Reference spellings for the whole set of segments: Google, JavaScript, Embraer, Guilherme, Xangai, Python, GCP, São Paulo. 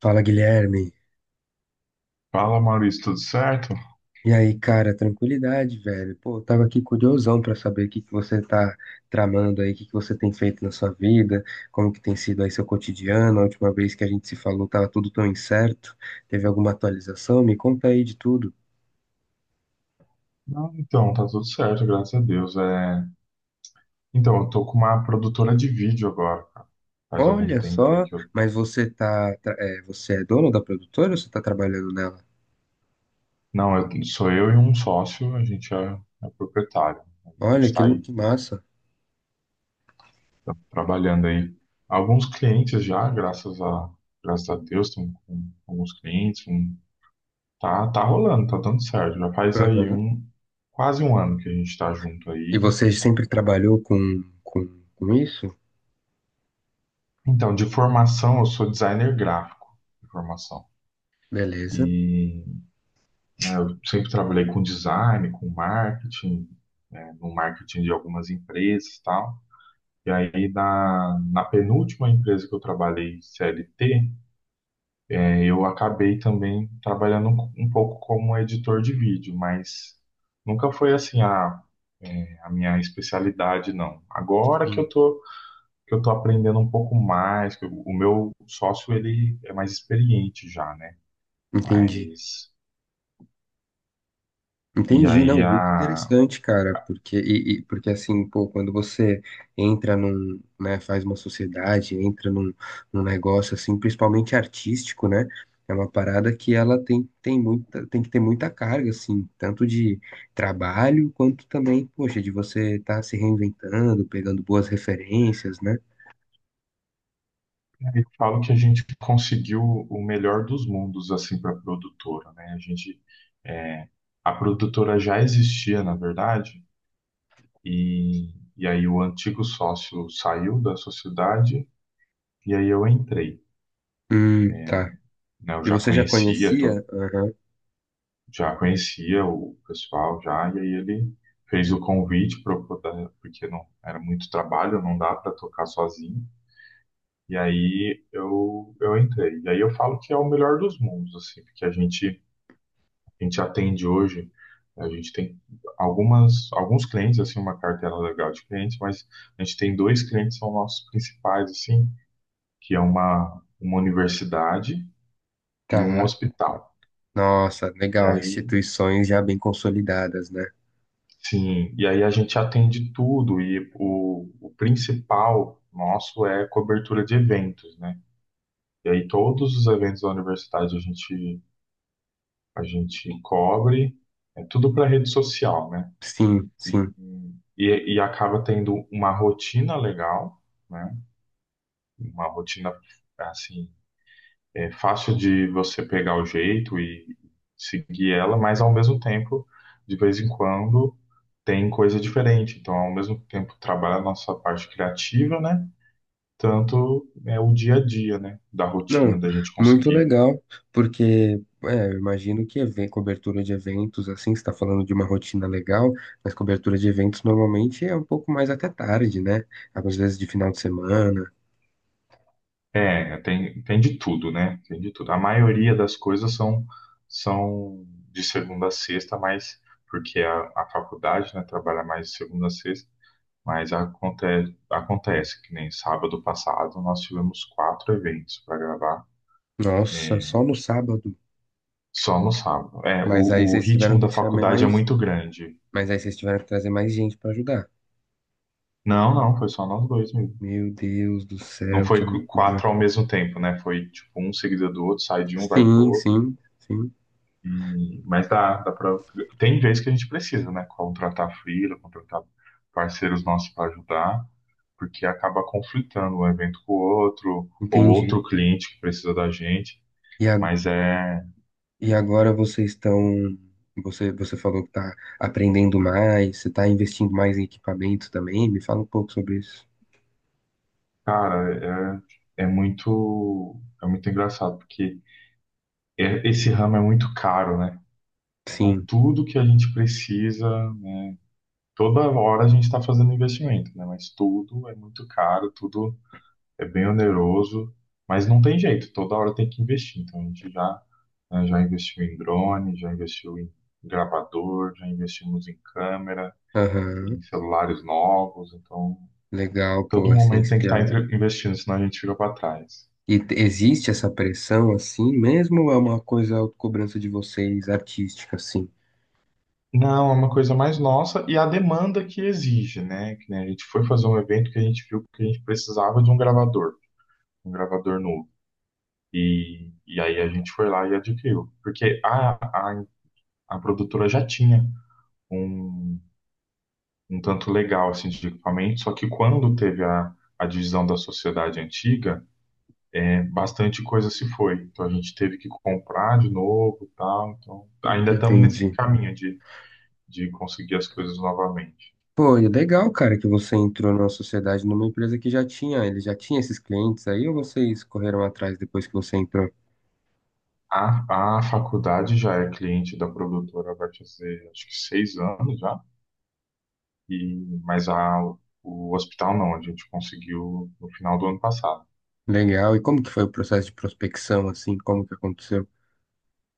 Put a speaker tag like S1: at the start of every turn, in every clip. S1: Fala, Guilherme.
S2: Fala, Maurício, tudo certo?
S1: E aí, cara, tranquilidade, velho. Pô, eu tava aqui curiosão pra saber o que que você tá tramando aí, o que que você tem feito na sua vida, como que tem sido aí seu cotidiano. A última vez que a gente se falou tava tudo tão incerto. Teve alguma atualização? Me conta aí de tudo.
S2: Não, então, tá tudo certo, graças a Deus. Então, eu tô com uma produtora de vídeo agora, cara. Faz algum
S1: Olha
S2: tempo aí
S1: só,
S2: que eu.
S1: mas você é dono da produtora ou você tá trabalhando nela?
S2: Não, sou eu e um sócio, é proprietário. A
S1: Olha,
S2: gente tá aí
S1: que massa.
S2: tá trabalhando aí. Alguns clientes já, graças a Deus, estamos com alguns clientes. Tá, tá rolando, tá dando certo. Já faz aí
S1: Aham.
S2: quase um ano que a gente tá junto
S1: E
S2: aí.
S1: você sempre trabalhou com isso?
S2: Então, de formação, eu sou designer gráfico de formação.
S1: Beleza.
S2: E né? Eu sempre trabalhei com design, com marketing, né, no marketing de algumas empresas e tal. E aí, na penúltima empresa que eu trabalhei, CLT, eu acabei também trabalhando um pouco como editor de vídeo, mas nunca foi assim a minha especialidade, não. Agora
S1: Sim.
S2: que eu tô aprendendo um pouco mais, o meu sócio, ele é mais experiente já, né?
S1: Entendi.
S2: Mas... E
S1: Entendi, não,
S2: aí,
S1: muito
S2: a,
S1: interessante, cara, porque assim, pô, quando você entra num, né, faz uma sociedade, entra num negócio assim, principalmente artístico, né? É uma parada que ela tem muita, tem que ter muita carga, assim, tanto de trabalho quanto também, poxa, de você estar se reinventando, pegando boas referências, né?
S2: Eu falo que a gente conseguiu o melhor dos mundos assim para a produtora, né? É, a produtora já existia, na verdade, e, e aí o antigo sócio saiu da sociedade e aí eu entrei,
S1: Tá.
S2: né? Eu
S1: E
S2: já
S1: você já
S2: conhecia,
S1: conhecia? Aham,
S2: já conhecia o pessoal já e aí ele fez o convite para porque não era muito trabalho, não dá para tocar sozinho. E aí eu entrei. E aí eu falo que é o melhor dos mundos, assim, porque a gente atende hoje, a gente tem alguns clientes, assim, uma carteira legal de clientes, mas a gente tem dois clientes que são nossos principais, assim, que é uma universidade e um
S1: tá.
S2: hospital.
S1: Nossa,
S2: E
S1: legal,
S2: aí,
S1: instituições já bem consolidadas, né?
S2: sim, e aí a gente atende tudo, e o principal nosso é cobertura de eventos, né? E aí todos os eventos da universidade a gente cobre, é tudo para rede social, né?
S1: Sim,
S2: E,
S1: sim.
S2: e acaba tendo uma rotina legal, né? Uma rotina, assim, é fácil de você pegar o jeito e seguir ela, mas ao mesmo tempo, de vez em quando, tem coisa diferente. Então, ao mesmo tempo, trabalha a nossa parte criativa, né? Tanto é o dia a dia, né? Da rotina,
S1: Não,
S2: da gente
S1: muito
S2: conseguir.
S1: legal, porque é, eu imagino que cobertura de eventos, assim, você está falando de uma rotina legal, mas cobertura de eventos normalmente é um pouco mais até tarde, né? Às vezes de final de semana.
S2: É, tem de tudo, né? Tem de tudo. A maioria das coisas são de segunda a sexta, mas porque a faculdade, né, trabalha mais de segunda a sexta, mas acontece que nem sábado passado nós tivemos quatro eventos para gravar,
S1: Nossa,
S2: é,
S1: só no sábado.
S2: só no sábado. É,
S1: Mas aí
S2: o
S1: vocês tiveram
S2: ritmo
S1: que
S2: da
S1: chamar
S2: faculdade é
S1: mais,
S2: muito grande.
S1: mas aí vocês tiveram que trazer mais gente para ajudar.
S2: Não, não, foi só nós dois mesmo.
S1: Meu Deus do
S2: Não
S1: céu, que
S2: foi
S1: loucura.
S2: quatro ao mesmo tempo, né? Foi tipo um seguido do outro, sai de um, vai pro
S1: Sim,
S2: outro.
S1: sim, sim,
S2: E, mas dá pra, tem vez que a gente precisa, né? Contratar freela, contratar parceiros nossos para ajudar, porque acaba conflitando um evento com o outro, ou
S1: entendi.
S2: outro cliente que precisa da gente.
S1: E agora
S2: Mas é,
S1: E agora vocês estão. Você, você falou que está aprendendo mais, você está investindo mais em equipamento também. Me fala um pouco sobre isso.
S2: cara, é muito engraçado, porque esse ramo é muito caro, né? Então,
S1: Sim,
S2: tudo que a gente precisa, toda hora a gente está fazendo investimento, né? Mas tudo é muito caro, tudo é bem oneroso, mas não tem jeito, toda hora tem que investir. Então a gente já, né, já investiu em drone, já investiu em gravador, já investimos em câmera, em
S1: aham.
S2: celulares novos. Então
S1: Legal,
S2: todo
S1: pô,
S2: momento tem que estar
S1: essencial.
S2: investindo, senão a gente fica para trás.
S1: E existe essa pressão assim mesmo ou é uma coisa cobrança de vocês artística, assim?
S2: Não, é uma coisa mais nossa e a demanda que exige, né? Que nem a gente foi fazer um evento que a gente viu que a gente precisava de um gravador novo. E aí a gente foi lá e adquiriu, porque a, a produtora já tinha um um tanto legal assim, de equipamento, só que quando teve a divisão da sociedade antiga, né, bastante coisa se foi. Então a gente teve que comprar de novo e tal. Então ainda estamos nesse
S1: Entendi.
S2: caminho de conseguir as coisas novamente.
S1: Pô, e é legal, cara, que você entrou na sociedade, numa empresa que já tinha, ele já tinha esses clientes aí, ou vocês correram atrás depois que você entrou?
S2: A faculdade já é cliente da produtora, vai fazer acho que seis anos já, e, mas o hospital não, a gente conseguiu no final do ano passado.
S1: Legal. E como que foi o processo de prospecção, assim? Como que aconteceu?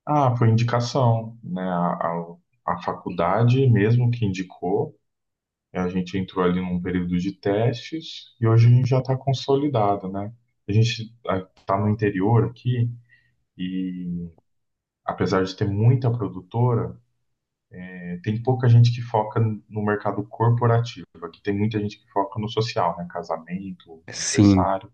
S2: Ah, foi indicação, né? A faculdade mesmo que indicou. É, a gente entrou ali num período de testes e hoje a gente já está consolidado, né? A gente está no interior aqui e, apesar de ter muita produtora, tem pouca gente que foca no mercado corporativo. Aqui tem muita gente que foca no social, né? Casamento,
S1: Sim.
S2: aniversário.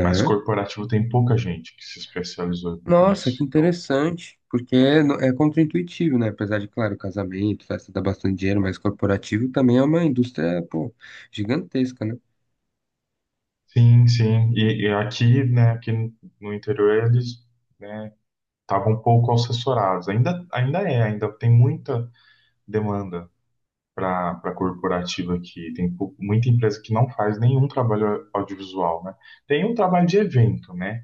S2: Mas corporativo tem pouca gente que se especializou
S1: Nossa, que
S2: nisso. Então,
S1: interessante. Porque é, é contraintuitivo, né? Apesar de, claro, casamento, festa dá bastante dinheiro, mas corporativo também é uma indústria, pô, gigantesca, né?
S2: sim, sim. E aqui, né? Aqui no interior eles, né? Estavam um pouco assessorados. Ainda é, ainda tem muita demanda para a corporativa que tem muita empresa que não faz nenhum trabalho audiovisual, né? Tem um trabalho de evento, né?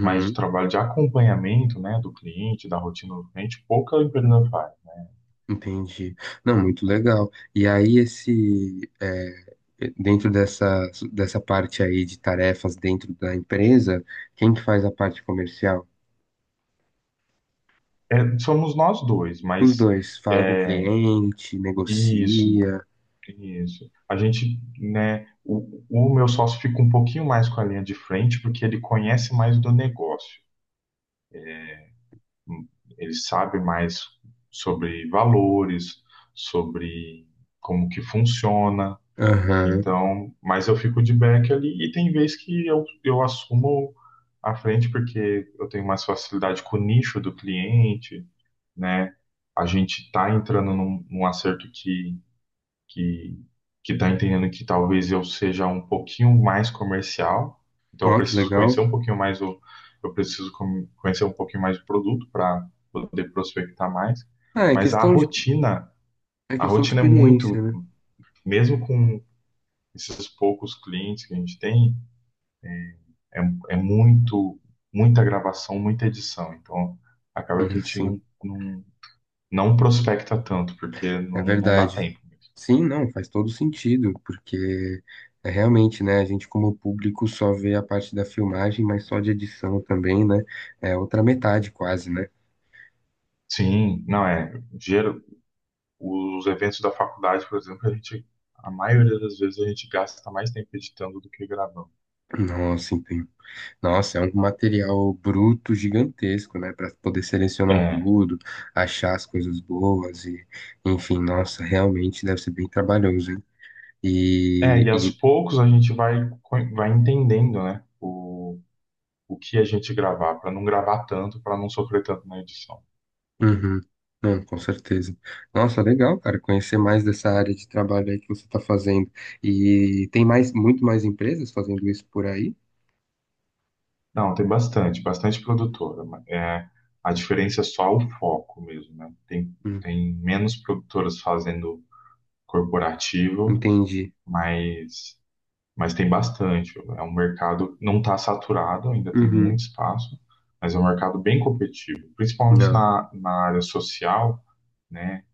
S2: Mas o trabalho de acompanhamento, né, do cliente, da rotina do cliente, pouca empresa faz.
S1: entendi. Não, muito legal. E aí, esse, é, dentro dessa parte aí de tarefas dentro da empresa, quem que faz a parte comercial?
S2: É, somos nós dois,
S1: Os
S2: mas
S1: dois, fala com o
S2: é,
S1: cliente,
S2: isso,
S1: negocia.
S2: isso. A gente, né, o meu sócio fica um pouquinho mais com a linha de frente porque ele conhece mais do negócio. Ele sabe mais sobre valores, sobre como que funciona.
S1: Aham.
S2: Então, mas eu fico de back ali e tem vez que eu assumo à frente porque eu tenho mais facilidade com o nicho do cliente, né? A gente está entrando num, num acerto que que está entendendo que talvez eu seja um pouquinho mais comercial, então eu
S1: Ó, que
S2: preciso conhecer
S1: legal.
S2: um pouquinho mais o, eu preciso conhecer um pouquinho mais o produto para poder prospectar mais,
S1: Ah, é
S2: mas
S1: questão de É
S2: a
S1: questão de
S2: rotina é muito,
S1: experiência, né?
S2: mesmo com esses poucos clientes que a gente tem, é, é muito, muita gravação, muita edição, então acaba que a gente
S1: Sim,
S2: não, não, não prospecta tanto, porque
S1: é
S2: não, não dá
S1: verdade.
S2: tempo.
S1: Sim, não, faz todo sentido, porque é realmente, né, a gente como público só vê a parte da filmagem, mas só de edição também, né? É outra metade quase, né?
S2: Sim, não é. Os eventos da faculdade, por exemplo, a maioria das vezes a gente gasta mais tempo editando do que gravando.
S1: Nossa, entendi. Nossa, é um material bruto gigantesco, né, para poder selecionar
S2: É,
S1: tudo, achar as coisas boas e, enfim, nossa, realmente deve ser bem trabalhoso, hein?
S2: é,
S1: E,
S2: e aos
S1: e
S2: poucos a gente vai, vai entendendo, né, o que a gente gravar, para não gravar tanto, para não sofrer tanto na edição.
S1: Uhum. Não, com certeza. Nossa, legal, cara, conhecer mais dessa área de trabalho aí que você está fazendo. E tem mais, muito mais empresas fazendo isso por aí?
S2: Não, tem bastante, bastante produtora. Mas, é, a diferença é só o foco mesmo, né? Tem,
S1: Hum,
S2: tem menos produtoras fazendo corporativo,
S1: entendi.
S2: mas mas tem bastante. É um mercado não está saturado, ainda tem
S1: Uhum.
S2: muito espaço, mas é um mercado bem competitivo, principalmente
S1: Não.
S2: na área social, né?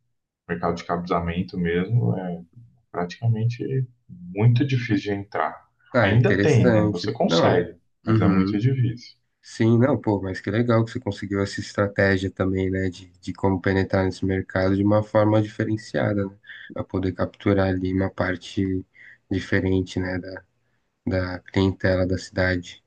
S2: Mercado de cabesamento mesmo é praticamente muito difícil de entrar.
S1: Ah, é
S2: Ainda tem, né? Você
S1: interessante. Não.
S2: consegue, mas é muito
S1: Uhum.
S2: difícil.
S1: Sim, não, pô, mas que legal que você conseguiu essa estratégia também, né, de como penetrar nesse mercado de uma forma diferenciada, né, para poder capturar ali uma parte diferente, né, da clientela da cidade.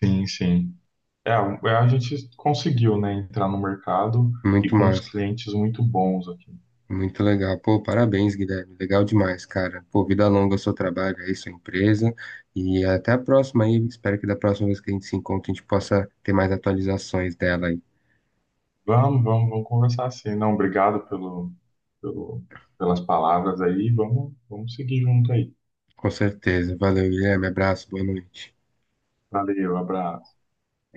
S2: Sim, sim. É, a gente conseguiu, né, entrar no mercado e
S1: Muito
S2: com uns
S1: massa.
S2: clientes muito bons aqui.
S1: Muito legal. Pô, parabéns, Guilherme. Legal demais, cara. Pô, vida longa ao seu trabalho aí, sua empresa. E até a próxima aí. Espero que da próxima vez que a gente se encontre, a gente possa ter mais atualizações dela aí.
S2: Vamos conversar assim. Não, obrigado pelo, pelas palavras aí. Vamos seguir junto aí.
S1: Com certeza. Valeu, Guilherme. Abraço, boa noite.
S2: Valeu, abraço.